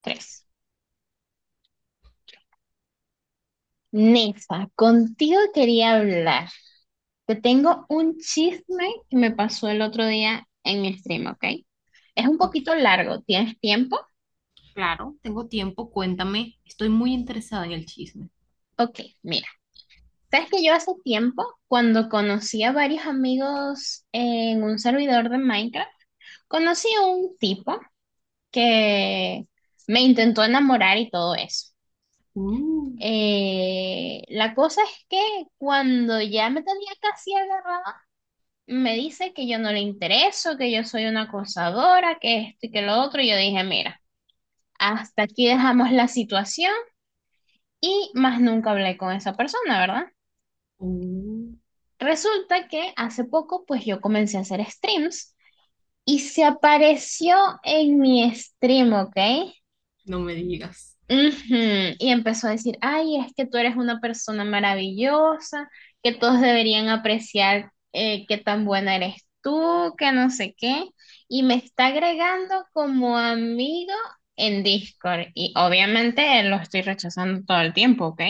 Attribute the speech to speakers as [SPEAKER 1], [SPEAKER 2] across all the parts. [SPEAKER 1] Tres. Nefa, contigo quería hablar. Te tengo un chisme que me pasó el otro día en mi stream, ¿ok? Es un
[SPEAKER 2] Ok,
[SPEAKER 1] poquito largo. ¿Tienes tiempo?
[SPEAKER 2] claro, tengo tiempo, cuéntame. Estoy muy interesada en el chisme.
[SPEAKER 1] Ok, mira. Sabes que yo hace tiempo, cuando conocí a varios amigos en un servidor de Minecraft, conocí a un tipo que me intentó enamorar y todo eso.
[SPEAKER 2] Uh,
[SPEAKER 1] La cosa es que cuando ya me tenía casi agarrada. Me dice que yo no le intereso, que yo soy una acosadora, que esto y que lo otro. Y yo dije, mira, hasta aquí dejamos la situación y más nunca hablé con esa persona, ¿verdad?
[SPEAKER 2] uh,
[SPEAKER 1] Resulta que hace poco, pues yo comencé a hacer streams y se apareció en mi stream, ¿ok?
[SPEAKER 2] no me digas.
[SPEAKER 1] Ujú. Y empezó a decir, ay, es que tú eres una persona maravillosa, que todos deberían apreciar, qué tan buena eres tú, que no sé qué. Y me está agregando como amigo en Discord. Y obviamente lo estoy rechazando todo el tiempo, ¿ok?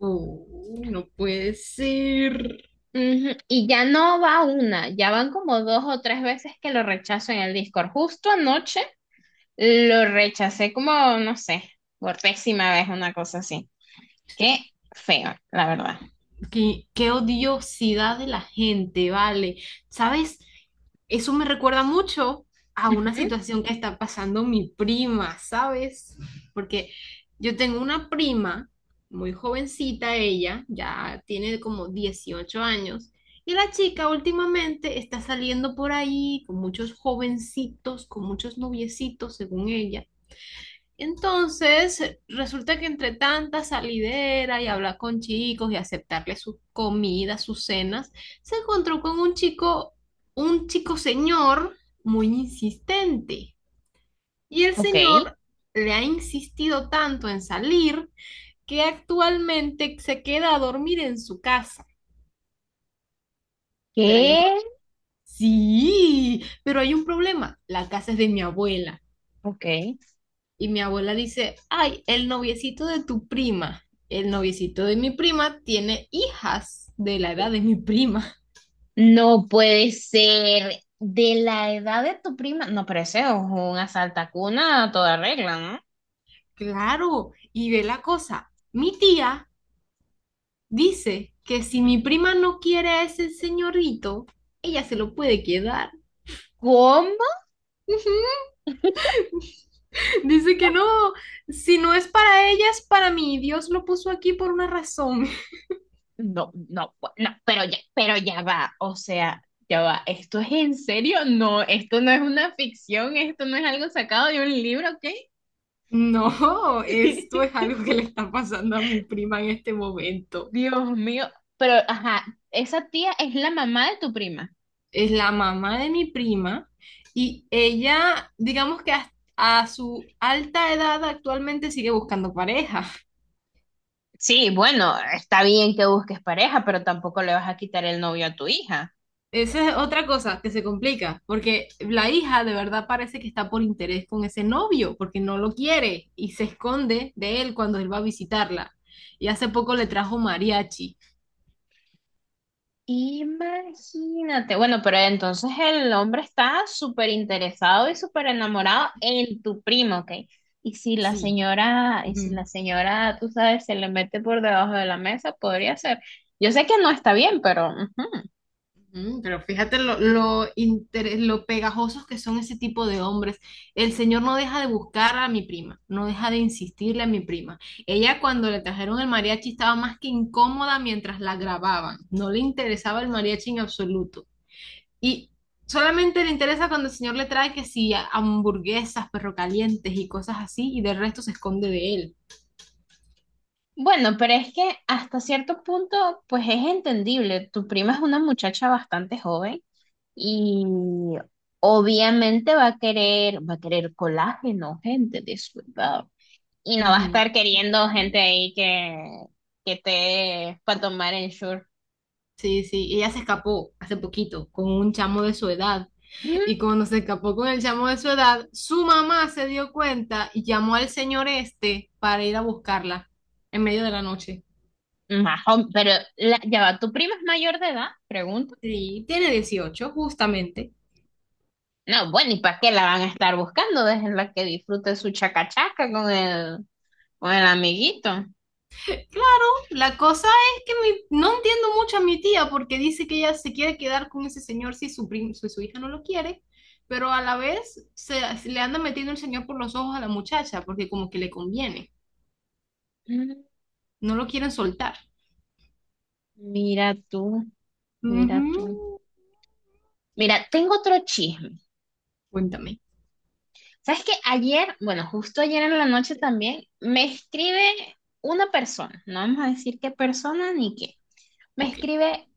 [SPEAKER 2] No puede ser.
[SPEAKER 1] Ujú. Y ya no va una, ya van como dos o tres veces que lo rechazo en el Discord. Justo anoche lo rechacé como, no sé, por décima vez, una cosa así. Qué feo, la verdad.
[SPEAKER 2] Qué odiosidad de la gente, vale. ¿Sabes? Eso me recuerda mucho a una
[SPEAKER 1] Ujú.
[SPEAKER 2] situación que está pasando mi prima, ¿sabes? Porque yo tengo una prima, muy jovencita ella, ya tiene como 18 años, y la chica últimamente está saliendo por ahí con muchos jovencitos, con muchos noviecitos, según ella entonces, resulta que entre tanta salidera y hablar con chicos y aceptarle sus comidas, sus cenas, se encontró con un chico señor muy insistente. Y el
[SPEAKER 1] Ok.
[SPEAKER 2] señor le ha insistido tanto en salir que actualmente se queda a dormir en su casa. Pero hay un
[SPEAKER 1] ¿Qué?
[SPEAKER 2] problema. Sí, pero hay un problema. La casa es de mi abuela.
[SPEAKER 1] Ok.
[SPEAKER 2] Y mi abuela dice, ay, el noviecito de tu prima, el noviecito de mi prima tiene hijas de la edad de mi prima.
[SPEAKER 1] No puede ser de la edad de tu prima. No, pero ese es un asaltacuna a toda regla, ¿no?
[SPEAKER 2] Claro, y ve la cosa, mi tía dice que si mi
[SPEAKER 1] Ujú.
[SPEAKER 2] prima no quiere a ese señorito, ella se lo puede quedar.
[SPEAKER 1] ¿Cómo?
[SPEAKER 2] Dice que no, si no es para ella, es para mí. Dios lo puso aquí por una razón.
[SPEAKER 1] No, pero ya va. O sea, ya va. ¿Esto es en serio? No, esto no es una ficción, esto no es algo sacado de un libro, ¿ok?
[SPEAKER 2] No, esto es algo que le está pasando a mi prima en este momento.
[SPEAKER 1] Dios mío. Pero, ajá, esa tía es la mamá de tu prima.
[SPEAKER 2] Es la mamá de mi prima y ella, digamos que hasta a su alta edad actualmente sigue buscando pareja.
[SPEAKER 1] Sí, bueno, está bien que busques pareja, pero tampoco le vas a quitar el novio a tu hija.
[SPEAKER 2] Esa es otra cosa que se complica, porque la hija de verdad parece que está por interés con ese novio, porque no lo quiere y se esconde de él cuando él va a visitarla. Y hace poco le trajo mariachi.
[SPEAKER 1] Imagínate, bueno, pero entonces el hombre está súper interesado y súper enamorado en tu primo, ¿ok? Y si la
[SPEAKER 2] Sí.
[SPEAKER 1] señora, y si
[SPEAKER 2] Ujú.
[SPEAKER 1] la señora, tú sabes, se le mete por debajo de la mesa, podría ser. Yo sé que no está bien, pero ujú.
[SPEAKER 2] Mm, pero fíjate lo pegajosos que son ese tipo de hombres. El señor no deja de buscar a mi prima, no deja de insistirle a mi prima. Ella cuando le trajeron el mariachi estaba más que incómoda mientras la grababan. No le interesaba el mariachi en absoluto. Y solamente le interesa cuando el señor le trae que sí, hamburguesas, perro calientes y cosas así, y del resto se esconde de él.
[SPEAKER 1] Bueno, pero es que hasta cierto punto, pues es entendible. Tu prima es una muchacha bastante joven. Y obviamente va a querer colágeno, gente descuidado. Y no va a
[SPEAKER 2] Ujú.
[SPEAKER 1] estar queriendo gente ahí que te para tomar en short.
[SPEAKER 2] Sí, ella se escapó hace poquito con un chamo de su edad. Y cuando se escapó con el chamo de su edad, su mamá se dio cuenta y llamó al señor este para ir a buscarla en medio de la noche.
[SPEAKER 1] pero ya va, ¿tu prima es mayor de edad? Pregunto.
[SPEAKER 2] Sí, tiene 18 justamente.
[SPEAKER 1] No, bueno, ¿y para qué la van a estar buscando? Déjenla que disfrute su chacachaca con el amiguito.
[SPEAKER 2] Claro, la cosa es que no entiendo mucho a mi tía porque dice que ella se quiere quedar con ese señor si si su hija no lo quiere, pero a la vez le anda metiendo el señor por los ojos a la muchacha porque como que le conviene,
[SPEAKER 1] Mm.
[SPEAKER 2] no lo quieren soltar.
[SPEAKER 1] Mira tú, mira tú.
[SPEAKER 2] Ujú,
[SPEAKER 1] Mira, tengo otro chisme.
[SPEAKER 2] cuéntame.
[SPEAKER 1] ¿Sabes qué? Ayer, bueno, justo ayer en la noche también, me escribe una persona, no vamos a decir qué persona ni qué. Me
[SPEAKER 2] Ok.
[SPEAKER 1] escribe,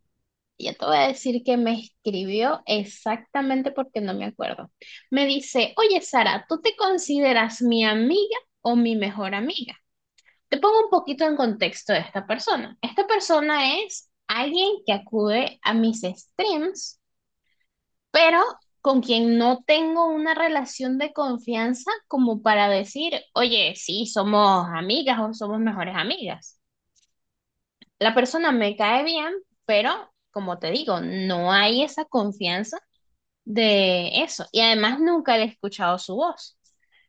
[SPEAKER 1] ya te voy a decir que me escribió exactamente porque no me acuerdo. Me dice, oye Sara, ¿tú te consideras mi amiga o mi mejor amiga? Te pongo un poquito en contexto de esta persona. Esta persona es alguien que acude a mis streams pero con quien no tengo una relación de confianza como para decir, oye, sí, somos amigas o somos mejores amigas. La persona me cae bien, pero como te digo, no hay esa confianza de eso. Y además nunca le he escuchado su voz.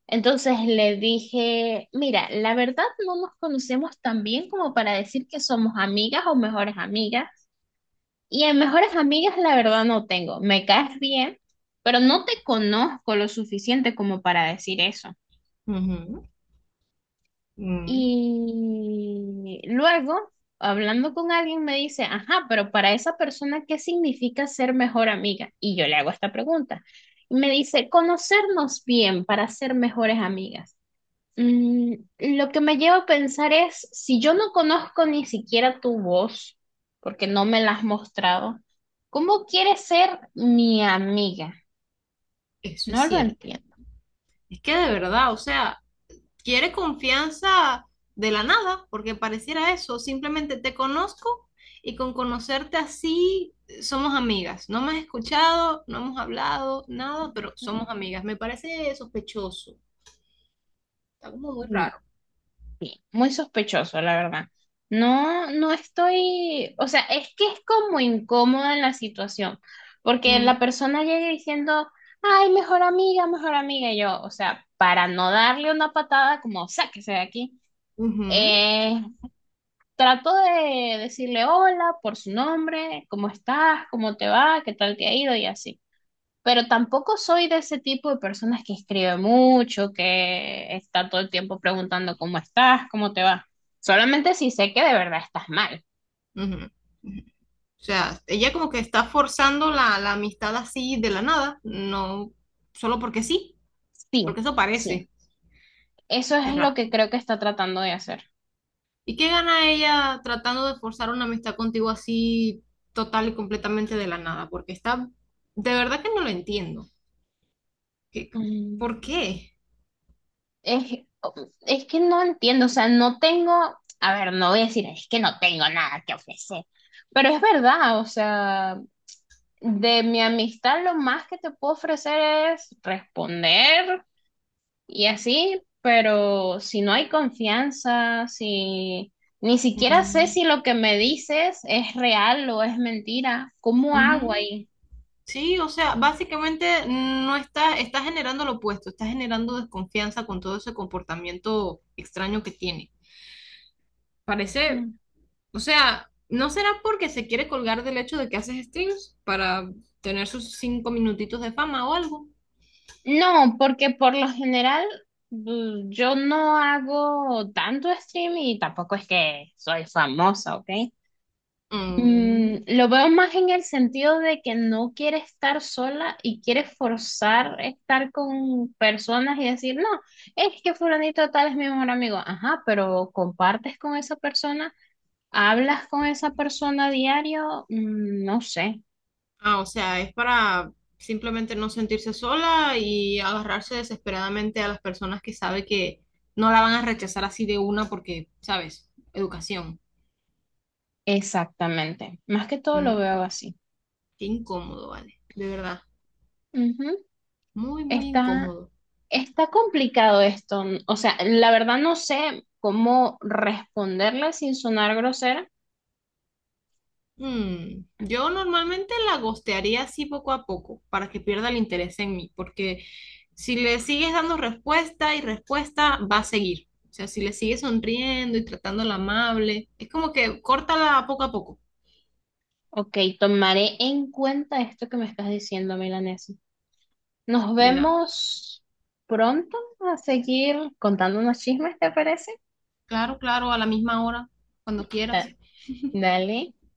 [SPEAKER 1] Entonces le dije, mira, la verdad no nos conocemos tan bien como para decir que somos amigas o mejores amigas. Y en mejores amigas, la verdad, no tengo. Me caes bien, pero no te conozco lo suficiente como para decir eso.
[SPEAKER 2] Ujú, mm.
[SPEAKER 1] Y luego, hablando con alguien, me dice, ajá, pero para esa persona, ¿qué significa ser mejor amiga? Y yo le hago esta pregunta. Y me dice, conocernos bien para ser mejores amigas. Mm, lo que me lleva a pensar es, si yo no conozco ni siquiera tu voz, porque no me la has mostrado, ¿cómo quieres ser mi amiga?
[SPEAKER 2] Eso
[SPEAKER 1] No
[SPEAKER 2] es
[SPEAKER 1] lo
[SPEAKER 2] cierto.
[SPEAKER 1] entiendo.
[SPEAKER 2] Es que de verdad, o sea, quiere confianza de la nada, porque pareciera eso. Simplemente te conozco y con conocerte así somos amigas. No me has escuchado, no hemos hablado, nada, pero somos amigas. Me parece sospechoso. Está como muy
[SPEAKER 1] Mm.
[SPEAKER 2] raro.
[SPEAKER 1] Muy sospechoso, la verdad. No, no estoy, o sea, es que es como incómoda en la situación, porque la
[SPEAKER 2] Mm,
[SPEAKER 1] persona llega diciendo, ay, mejor amiga, y yo, o sea, para no darle una patada como, sáquese de aquí.
[SPEAKER 2] ujú,
[SPEAKER 1] Eh, Trato de decirle hola por su nombre, cómo estás, cómo te va, qué tal te ha ido y así. Pero tampoco soy de ese tipo de personas que escribe mucho, que está todo el tiempo preguntando cómo estás, cómo te va. Solamente si sé que de verdad estás mal.
[SPEAKER 2] ujú, ujú. O sea, ella como que está forzando la amistad así de la nada, no solo porque sí,
[SPEAKER 1] Sí,
[SPEAKER 2] porque eso
[SPEAKER 1] sí.
[SPEAKER 2] parece.
[SPEAKER 1] Eso
[SPEAKER 2] Qué
[SPEAKER 1] es lo
[SPEAKER 2] raro.
[SPEAKER 1] que creo que está tratando de hacer.
[SPEAKER 2] ¿Y qué gana ella tratando de forzar una amistad contigo así total y completamente de la nada? Porque está, de verdad que no lo entiendo. ¿Qué- ¿Por
[SPEAKER 1] Mm.
[SPEAKER 2] qué?
[SPEAKER 1] Es, es que no entiendo, o sea, no tengo, a ver, no voy a decir, es que no tengo nada que ofrecer, pero es verdad, o sea, de mi amistad lo más que te puedo ofrecer es responder y así, pero si no hay confianza, si ni siquiera
[SPEAKER 2] Mm,
[SPEAKER 1] sé si lo que me dices es real o es mentira, ¿cómo hago
[SPEAKER 2] ujú.
[SPEAKER 1] ahí?
[SPEAKER 2] Sí, o sea, básicamente no está, está generando lo opuesto, está generando desconfianza con todo ese comportamiento extraño que tiene. Parece,
[SPEAKER 1] Mm.
[SPEAKER 2] o sea, ¿no será porque se quiere colgar del hecho de que haces streams para tener sus 5 minutitos de fama o algo?
[SPEAKER 1] No, porque por lo general yo no hago tanto stream y tampoco es que soy famosa, ¿ok?
[SPEAKER 2] Mm.
[SPEAKER 1] Mm, lo veo más en el sentido de que no quiere estar sola y quiere forzar estar con personas y decir, no, es que fulanito tal es mi mejor amigo. Ajá, pero compartes con esa persona, hablas con esa persona a diario. Mm, no sé
[SPEAKER 2] Ah, o sea, es para simplemente no sentirse sola y agarrarse desesperadamente a las personas que sabe que no la van a rechazar así de una porque, ¿sabes? Educación.
[SPEAKER 1] exactamente. Más que todo lo veo
[SPEAKER 2] Mm,
[SPEAKER 1] así.
[SPEAKER 2] qué incómodo, vale. De verdad.
[SPEAKER 1] Ujú.
[SPEAKER 2] Muy, muy
[SPEAKER 1] Está,
[SPEAKER 2] incómodo.
[SPEAKER 1] está complicado esto. O sea, la verdad no sé cómo responderle sin sonar grosera.
[SPEAKER 2] Mm, yo normalmente la gostearía así poco a poco para que pierda el interés en mí, porque si le sigues dando respuesta y respuesta, va a seguir. O sea, si le sigues sonriendo y tratándola amable, es como que córtala poco a poco.
[SPEAKER 1] Ok, tomaré en cuenta esto que me estás diciendo, Milanesa. Nos
[SPEAKER 2] De nada.
[SPEAKER 1] vemos pronto a seguir contándonos chismes, ¿te parece?
[SPEAKER 2] Claro, claro, a la misma hora, cuando
[SPEAKER 1] Ah,
[SPEAKER 2] quieras.
[SPEAKER 1] dale.